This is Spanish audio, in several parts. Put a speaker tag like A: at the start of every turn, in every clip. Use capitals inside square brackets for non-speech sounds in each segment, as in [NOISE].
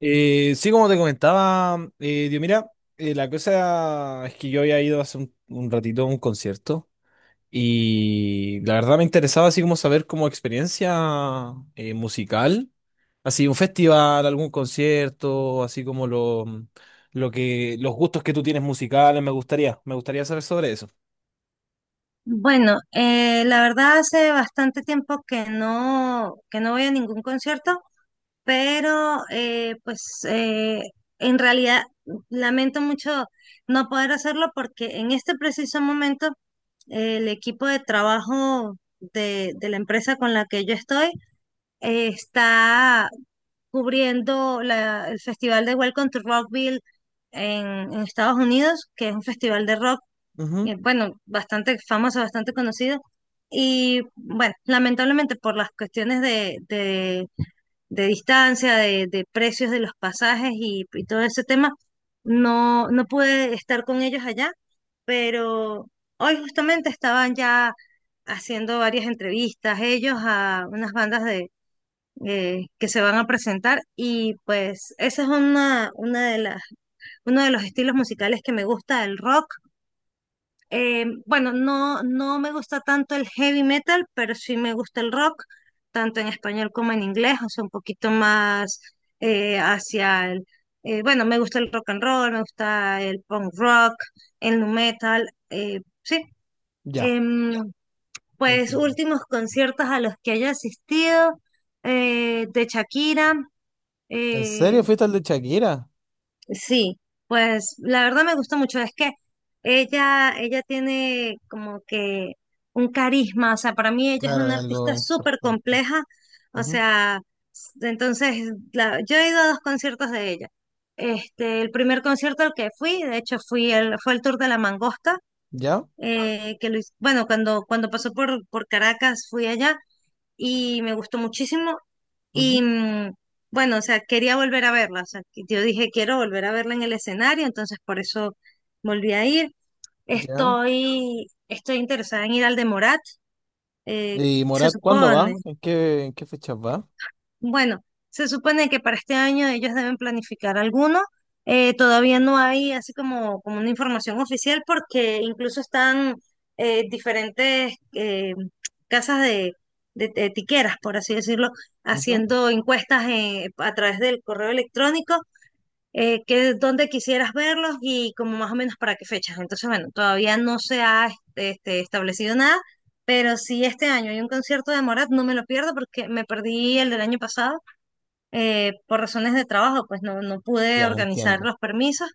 A: Sí, como te comentaba, Dios, mira, la cosa es que yo había ido hace un ratito a un concierto y la verdad me interesaba así como saber como experiencia musical, así un festival, algún concierto, así como los gustos que tú tienes musicales, me gustaría saber sobre eso.
B: Bueno, la verdad hace bastante tiempo que no voy a ningún concierto, pero eh, en realidad lamento mucho no poder hacerlo porque en este preciso momento el equipo de trabajo de la empresa con la que yo estoy está cubriendo el festival de Welcome to Rockville en Estados Unidos, que es un festival de rock
A: Ujú.
B: bueno, bastante famoso, bastante conocido. Y bueno, lamentablemente por las cuestiones de distancia, de precios de los pasajes y todo ese tema, no pude estar con ellos allá, pero hoy justamente estaban ya haciendo varias entrevistas ellos a unas bandas de, que se van a presentar y pues ese es una de las, uno de los estilos musicales que me gusta, el rock. Bueno, no me gusta tanto el heavy metal, pero sí me gusta el rock, tanto en español como en inglés, o sea, un poquito más eh, hacia el, bueno, me gusta el rock and roll, me gusta el punk rock, el nu metal, sí.
A: Ya,
B: Em, pues
A: entiendo.
B: últimos conciertos a los que haya asistido, de Shakira.
A: ¿En
B: eh,
A: serio fuiste al de Shakira?
B: Sí, pues la verdad me gusta mucho. Es que ella tiene como que un carisma. O sea, para mí ella es
A: Claro,
B: una
A: es algo
B: artista súper
A: importante.
B: compleja. O
A: Ujú.
B: sea, entonces yo he ido a dos conciertos de ella. Este, el primer concierto al que fui, de hecho, fue el tour de La Mangosta,
A: ¿Ya?
B: bueno, cuando pasó por Caracas fui allá y me gustó muchísimo. Y
A: Ujú.
B: bueno, o sea, quería volver a verla. O sea, que yo dije, quiero volver a verla en el escenario, entonces por eso volví a ir.
A: ¿Ya?
B: Estoy interesada en ir al de Morat, eh,
A: ¿Y
B: se
A: Morat cuándo
B: supone.
A: va? ¿En qué fechas va?
B: Bueno, se supone que para este año ellos deben planificar alguno. Todavía no hay así como, como una información oficial porque incluso están diferentes casas de, de tiqueras, por así decirlo,
A: Ujú.
B: haciendo encuestas a través del correo electrónico, que dónde quisieras verlos y como más o menos para qué fechas. Entonces, bueno, todavía no se ha establecido nada, pero si este año hay un concierto de Morat, no me lo pierdo porque me perdí el del año pasado por razones de trabajo, pues no pude
A: Ya,
B: organizar
A: entiendo.
B: los permisos,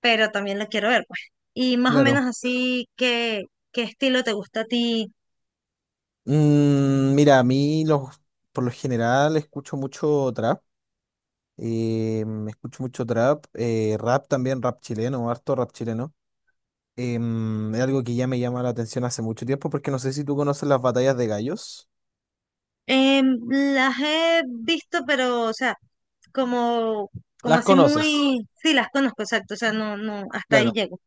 B: pero también la quiero ver, pues. Y más o
A: Claro.
B: menos así, ¿qué, qué estilo te gusta a ti?
A: Mira, por lo general escucho mucho trap. Escucho mucho trap. Rap también, rap chileno, harto rap chileno. Es algo que ya me llama la atención hace mucho tiempo porque no sé si tú conoces las batallas de gallos.
B: Em, las he visto, pero, o sea, como, como
A: Las
B: así
A: conoces.
B: muy, sí, las conozco, exacto, o sea, no, hasta ahí
A: Claro,
B: llego.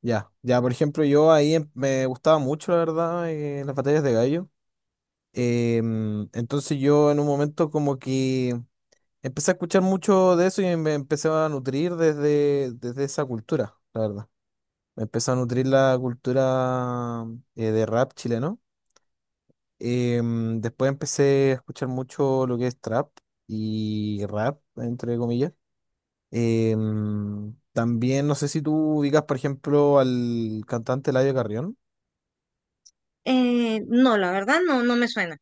A: ya, ya, por ejemplo, yo ahí me gustaba mucho, la verdad, las batallas de gallo. Entonces yo en un momento como que empecé a escuchar mucho de eso y me empecé a nutrir desde esa cultura, la verdad. Me empezó a nutrir la cultura de rap chileno. Después empecé a escuchar mucho lo que es trap y rap, entre comillas. También no sé si tú ubicas, por ejemplo, al cantante Eladio Carrión.
B: No, la verdad, no me suena.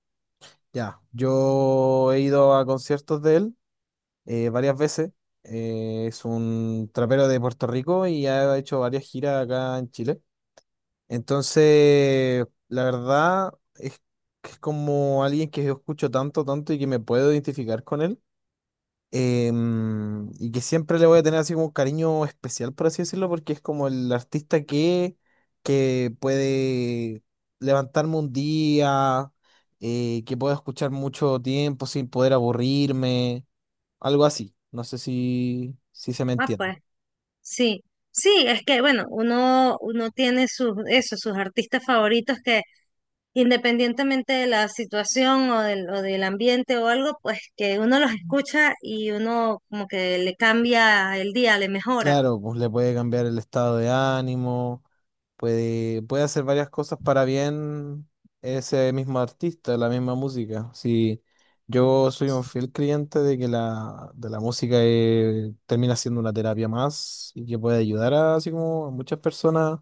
A: Ya, yo he ido a conciertos de él varias veces. Es un trapero de Puerto Rico y ha hecho varias giras acá en Chile. Entonces, la verdad es que es como alguien que yo escucho tanto, tanto y que me puedo identificar con él. Y que siempre le voy a tener así como un cariño especial, por así decirlo, porque es como el artista que puede levantarme un día, que puedo escuchar mucho tiempo sin poder aburrirme, algo así. No sé si, si se me
B: Ah,
A: entiende.
B: pues, sí. Sí, es que, bueno, uno tiene sus, eso, sus artistas favoritos que independientemente de la situación o del ambiente o algo, pues que uno los escucha y uno como que le cambia el día, le mejora.
A: Claro, pues le puede cambiar el estado de ánimo, puede hacer varias cosas para bien ese mismo artista, la misma música. Sí, yo soy un fiel creyente de la música termina siendo una terapia más y que puede ayudar a, así como a muchas personas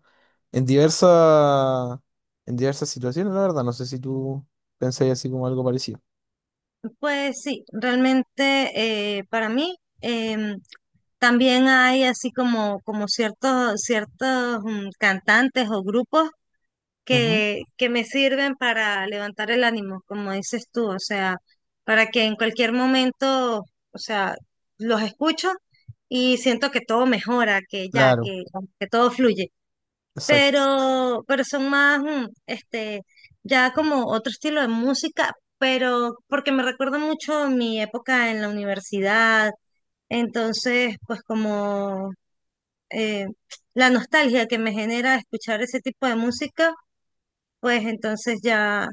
A: en diversas, en diversas situaciones, la verdad. No sé si tú pensáis así como algo parecido.
B: Pues sí, realmente para mí también hay así como, como ciertos cantantes o grupos
A: Ujú.
B: que me sirven para levantar el ánimo, como dices tú, o sea, para que en cualquier momento, o sea, los escucho y siento que todo mejora, que ya,
A: Claro,
B: que todo fluye.
A: exacto.
B: Pero son más, ya como otro estilo de música, pero porque me recuerda mucho mi época en la universidad, entonces, pues como eh, la nostalgia que me genera escuchar ese tipo de música pues entonces ya,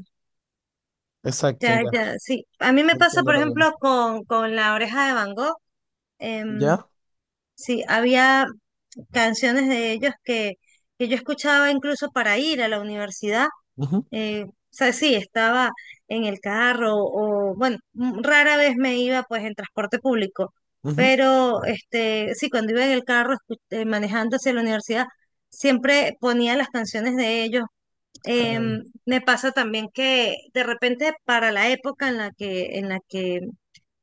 A: Exacto,
B: ya,
A: ya.
B: ya, sí. A mí me pasa,
A: Entiendo
B: por
A: lo que...
B: ejemplo, con La Oreja de Van Gogh. em,
A: ¿Ya?
B: sí, había canciones de ellos que yo escuchaba incluso para ir a la universidad.
A: Ujú,
B: O sea, sí, estaba en el carro o, bueno, rara vez me iba pues en transporte público,
A: ujú.
B: pero este, sí, cuando iba en el carro manejando hacia la universidad, siempre ponía las canciones de ellos.
A: Ah,
B: Me pasa también que de repente para la época en la que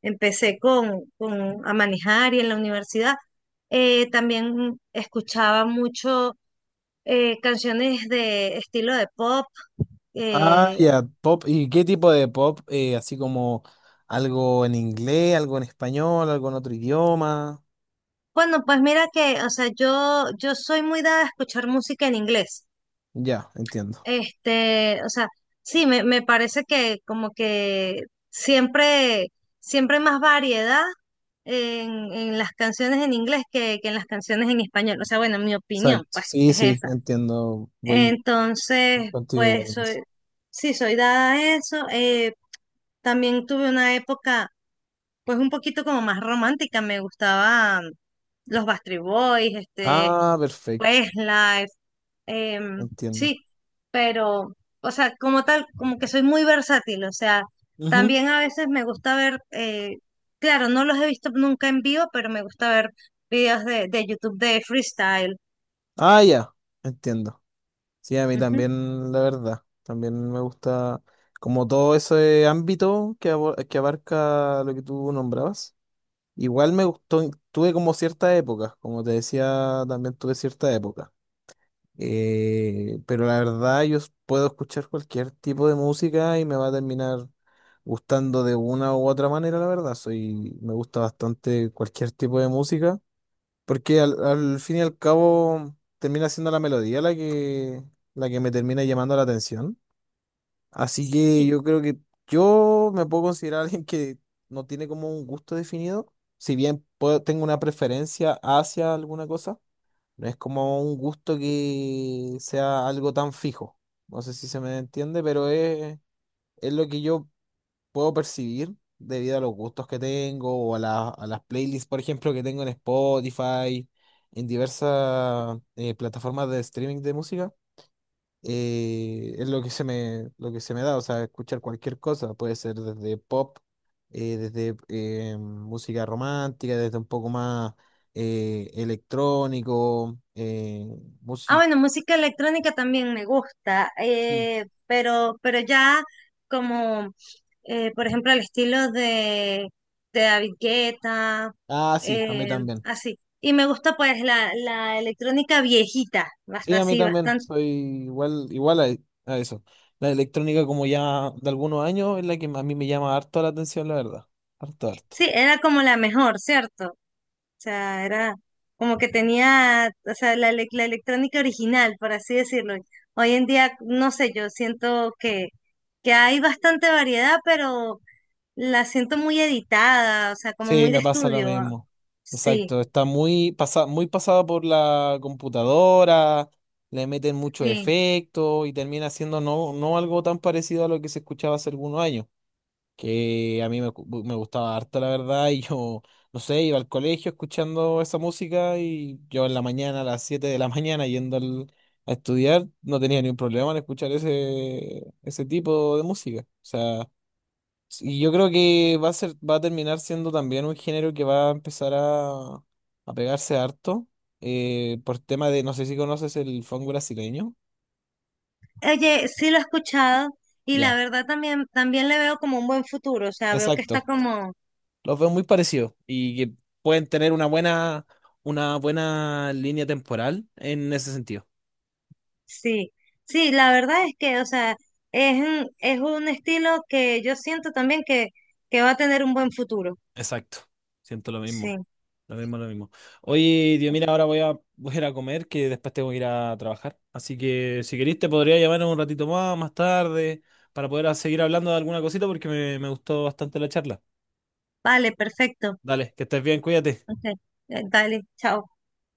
B: empecé a manejar y en la universidad, también escuchaba mucho canciones de estilo de pop.
A: ah,
B: eh,
A: ya, pop. ¿Y qué tipo de pop? Así como algo en inglés, algo en español, algo en otro idioma.
B: bueno, pues mira que, o sea, yo soy muy dada a escuchar música en inglés.
A: Ya, entiendo.
B: Este, o sea, sí, me parece que como que siempre, siempre hay más variedad en las canciones en inglés que en las canciones en español. O sea, bueno, mi opinión,
A: Exacto.
B: pues,
A: Sí,
B: es
A: sí,
B: esa.
A: entiendo. Voy
B: Entonces,
A: contigo igual
B: pues,
A: en eso.
B: soy, sí, soy dada a eso. También tuve una época, pues, un poquito como más romántica. Me gustaba los Backstreet Boys, este,
A: Ah, perfecto.
B: Live,
A: Entiendo.
B: sí, pero, o sea, como tal, como que soy muy versátil, o sea,
A: Ujú.
B: también a veces me gusta ver, claro, no los he visto nunca en vivo, pero me gusta ver videos de YouTube de freestyle.
A: Ah, ya, entiendo. Sí, a mí
B: Ujú.
A: también, la verdad. También me gusta como todo ese ámbito que abarca lo que tú nombrabas. Igual me gustó, tuve como cierta época como te decía, también tuve cierta época. Pero la verdad yo puedo escuchar cualquier tipo de música y me va a terminar gustando de una u otra manera, la verdad. Me gusta bastante cualquier tipo de música, porque al fin y al cabo termina siendo la melodía la que me termina llamando la atención. Así que
B: Sí.
A: yo creo que yo me puedo considerar [LAUGHS] alguien que no tiene como un gusto definido, si bien tengo una preferencia hacia alguna cosa, no es como un gusto que sea algo tan fijo. No sé si se me entiende, pero es lo que yo puedo percibir debido a los gustos que tengo a las playlists, por ejemplo, que tengo en Spotify, en diversas plataformas de streaming de música, es lo que lo que se me da, o sea, escuchar cualquier cosa, puede ser desde pop, desde música romántica, desde un poco más electrónico,
B: Ah,
A: música.
B: bueno, música electrónica también me gusta,
A: Sí.
B: pero ya como, por ejemplo, el estilo de David Guetta,
A: Ah, sí, a mí
B: eh,
A: también.
B: así. Y me gusta pues la electrónica viejita,
A: Sí,
B: basta
A: a mí
B: así,
A: también,
B: bastante.
A: soy igual, a eso. La electrónica como ya de algunos años es la que a mí me llama harto la atención, la verdad. Harto, harto.
B: Sí, era como la mejor, ¿cierto? O sea, era como que tenía, o sea, la electrónica original, por así decirlo. Hoy en día, no sé, yo siento que hay bastante variedad, pero la siento muy editada, o sea, como
A: Sí,
B: muy de
A: me pasa lo
B: estudio.
A: mismo.
B: Sí,
A: Exacto, muy pasado por la computadora, le meten mucho
B: sí.
A: efecto y termina siendo no algo tan parecido a lo que se escuchaba hace algunos años, que a mí me gustaba harto, la verdad, y yo, no sé, iba al colegio escuchando esa música y yo en la mañana, a las 7 de la [LAUGHS] mañana, a estudiar, no tenía ningún problema en escuchar ese tipo de música. O sea... Y yo creo que va a ser, va a terminar siendo también un género que va a empezar a pegarse harto, por tema de, no sé si conoces el funk brasileño.
B: Oye, sí lo he escuchado y la
A: Ya,
B: verdad también, también le veo como un buen futuro, o sea, veo que está
A: exacto.
B: como,
A: Los veo muy parecidos y que pueden tener una buena línea temporal en ese sentido.
B: sí, sí, la verdad es que, o sea, es un estilo que yo siento también que va a tener un buen futuro.
A: Exacto, siento lo
B: Sí,
A: mismo. Lo mismo, lo mismo. Oye, Dios, mira, ahora voy a ir a comer, que después tengo que ir a trabajar. Así que si querés te podría llamar un ratito más tarde, para poder seguir hablando de alguna cosita, porque me gustó bastante la charla.
B: vale, perfecto.
A: Dale, que estés bien, cuídate.
B: Ok, dale, chao.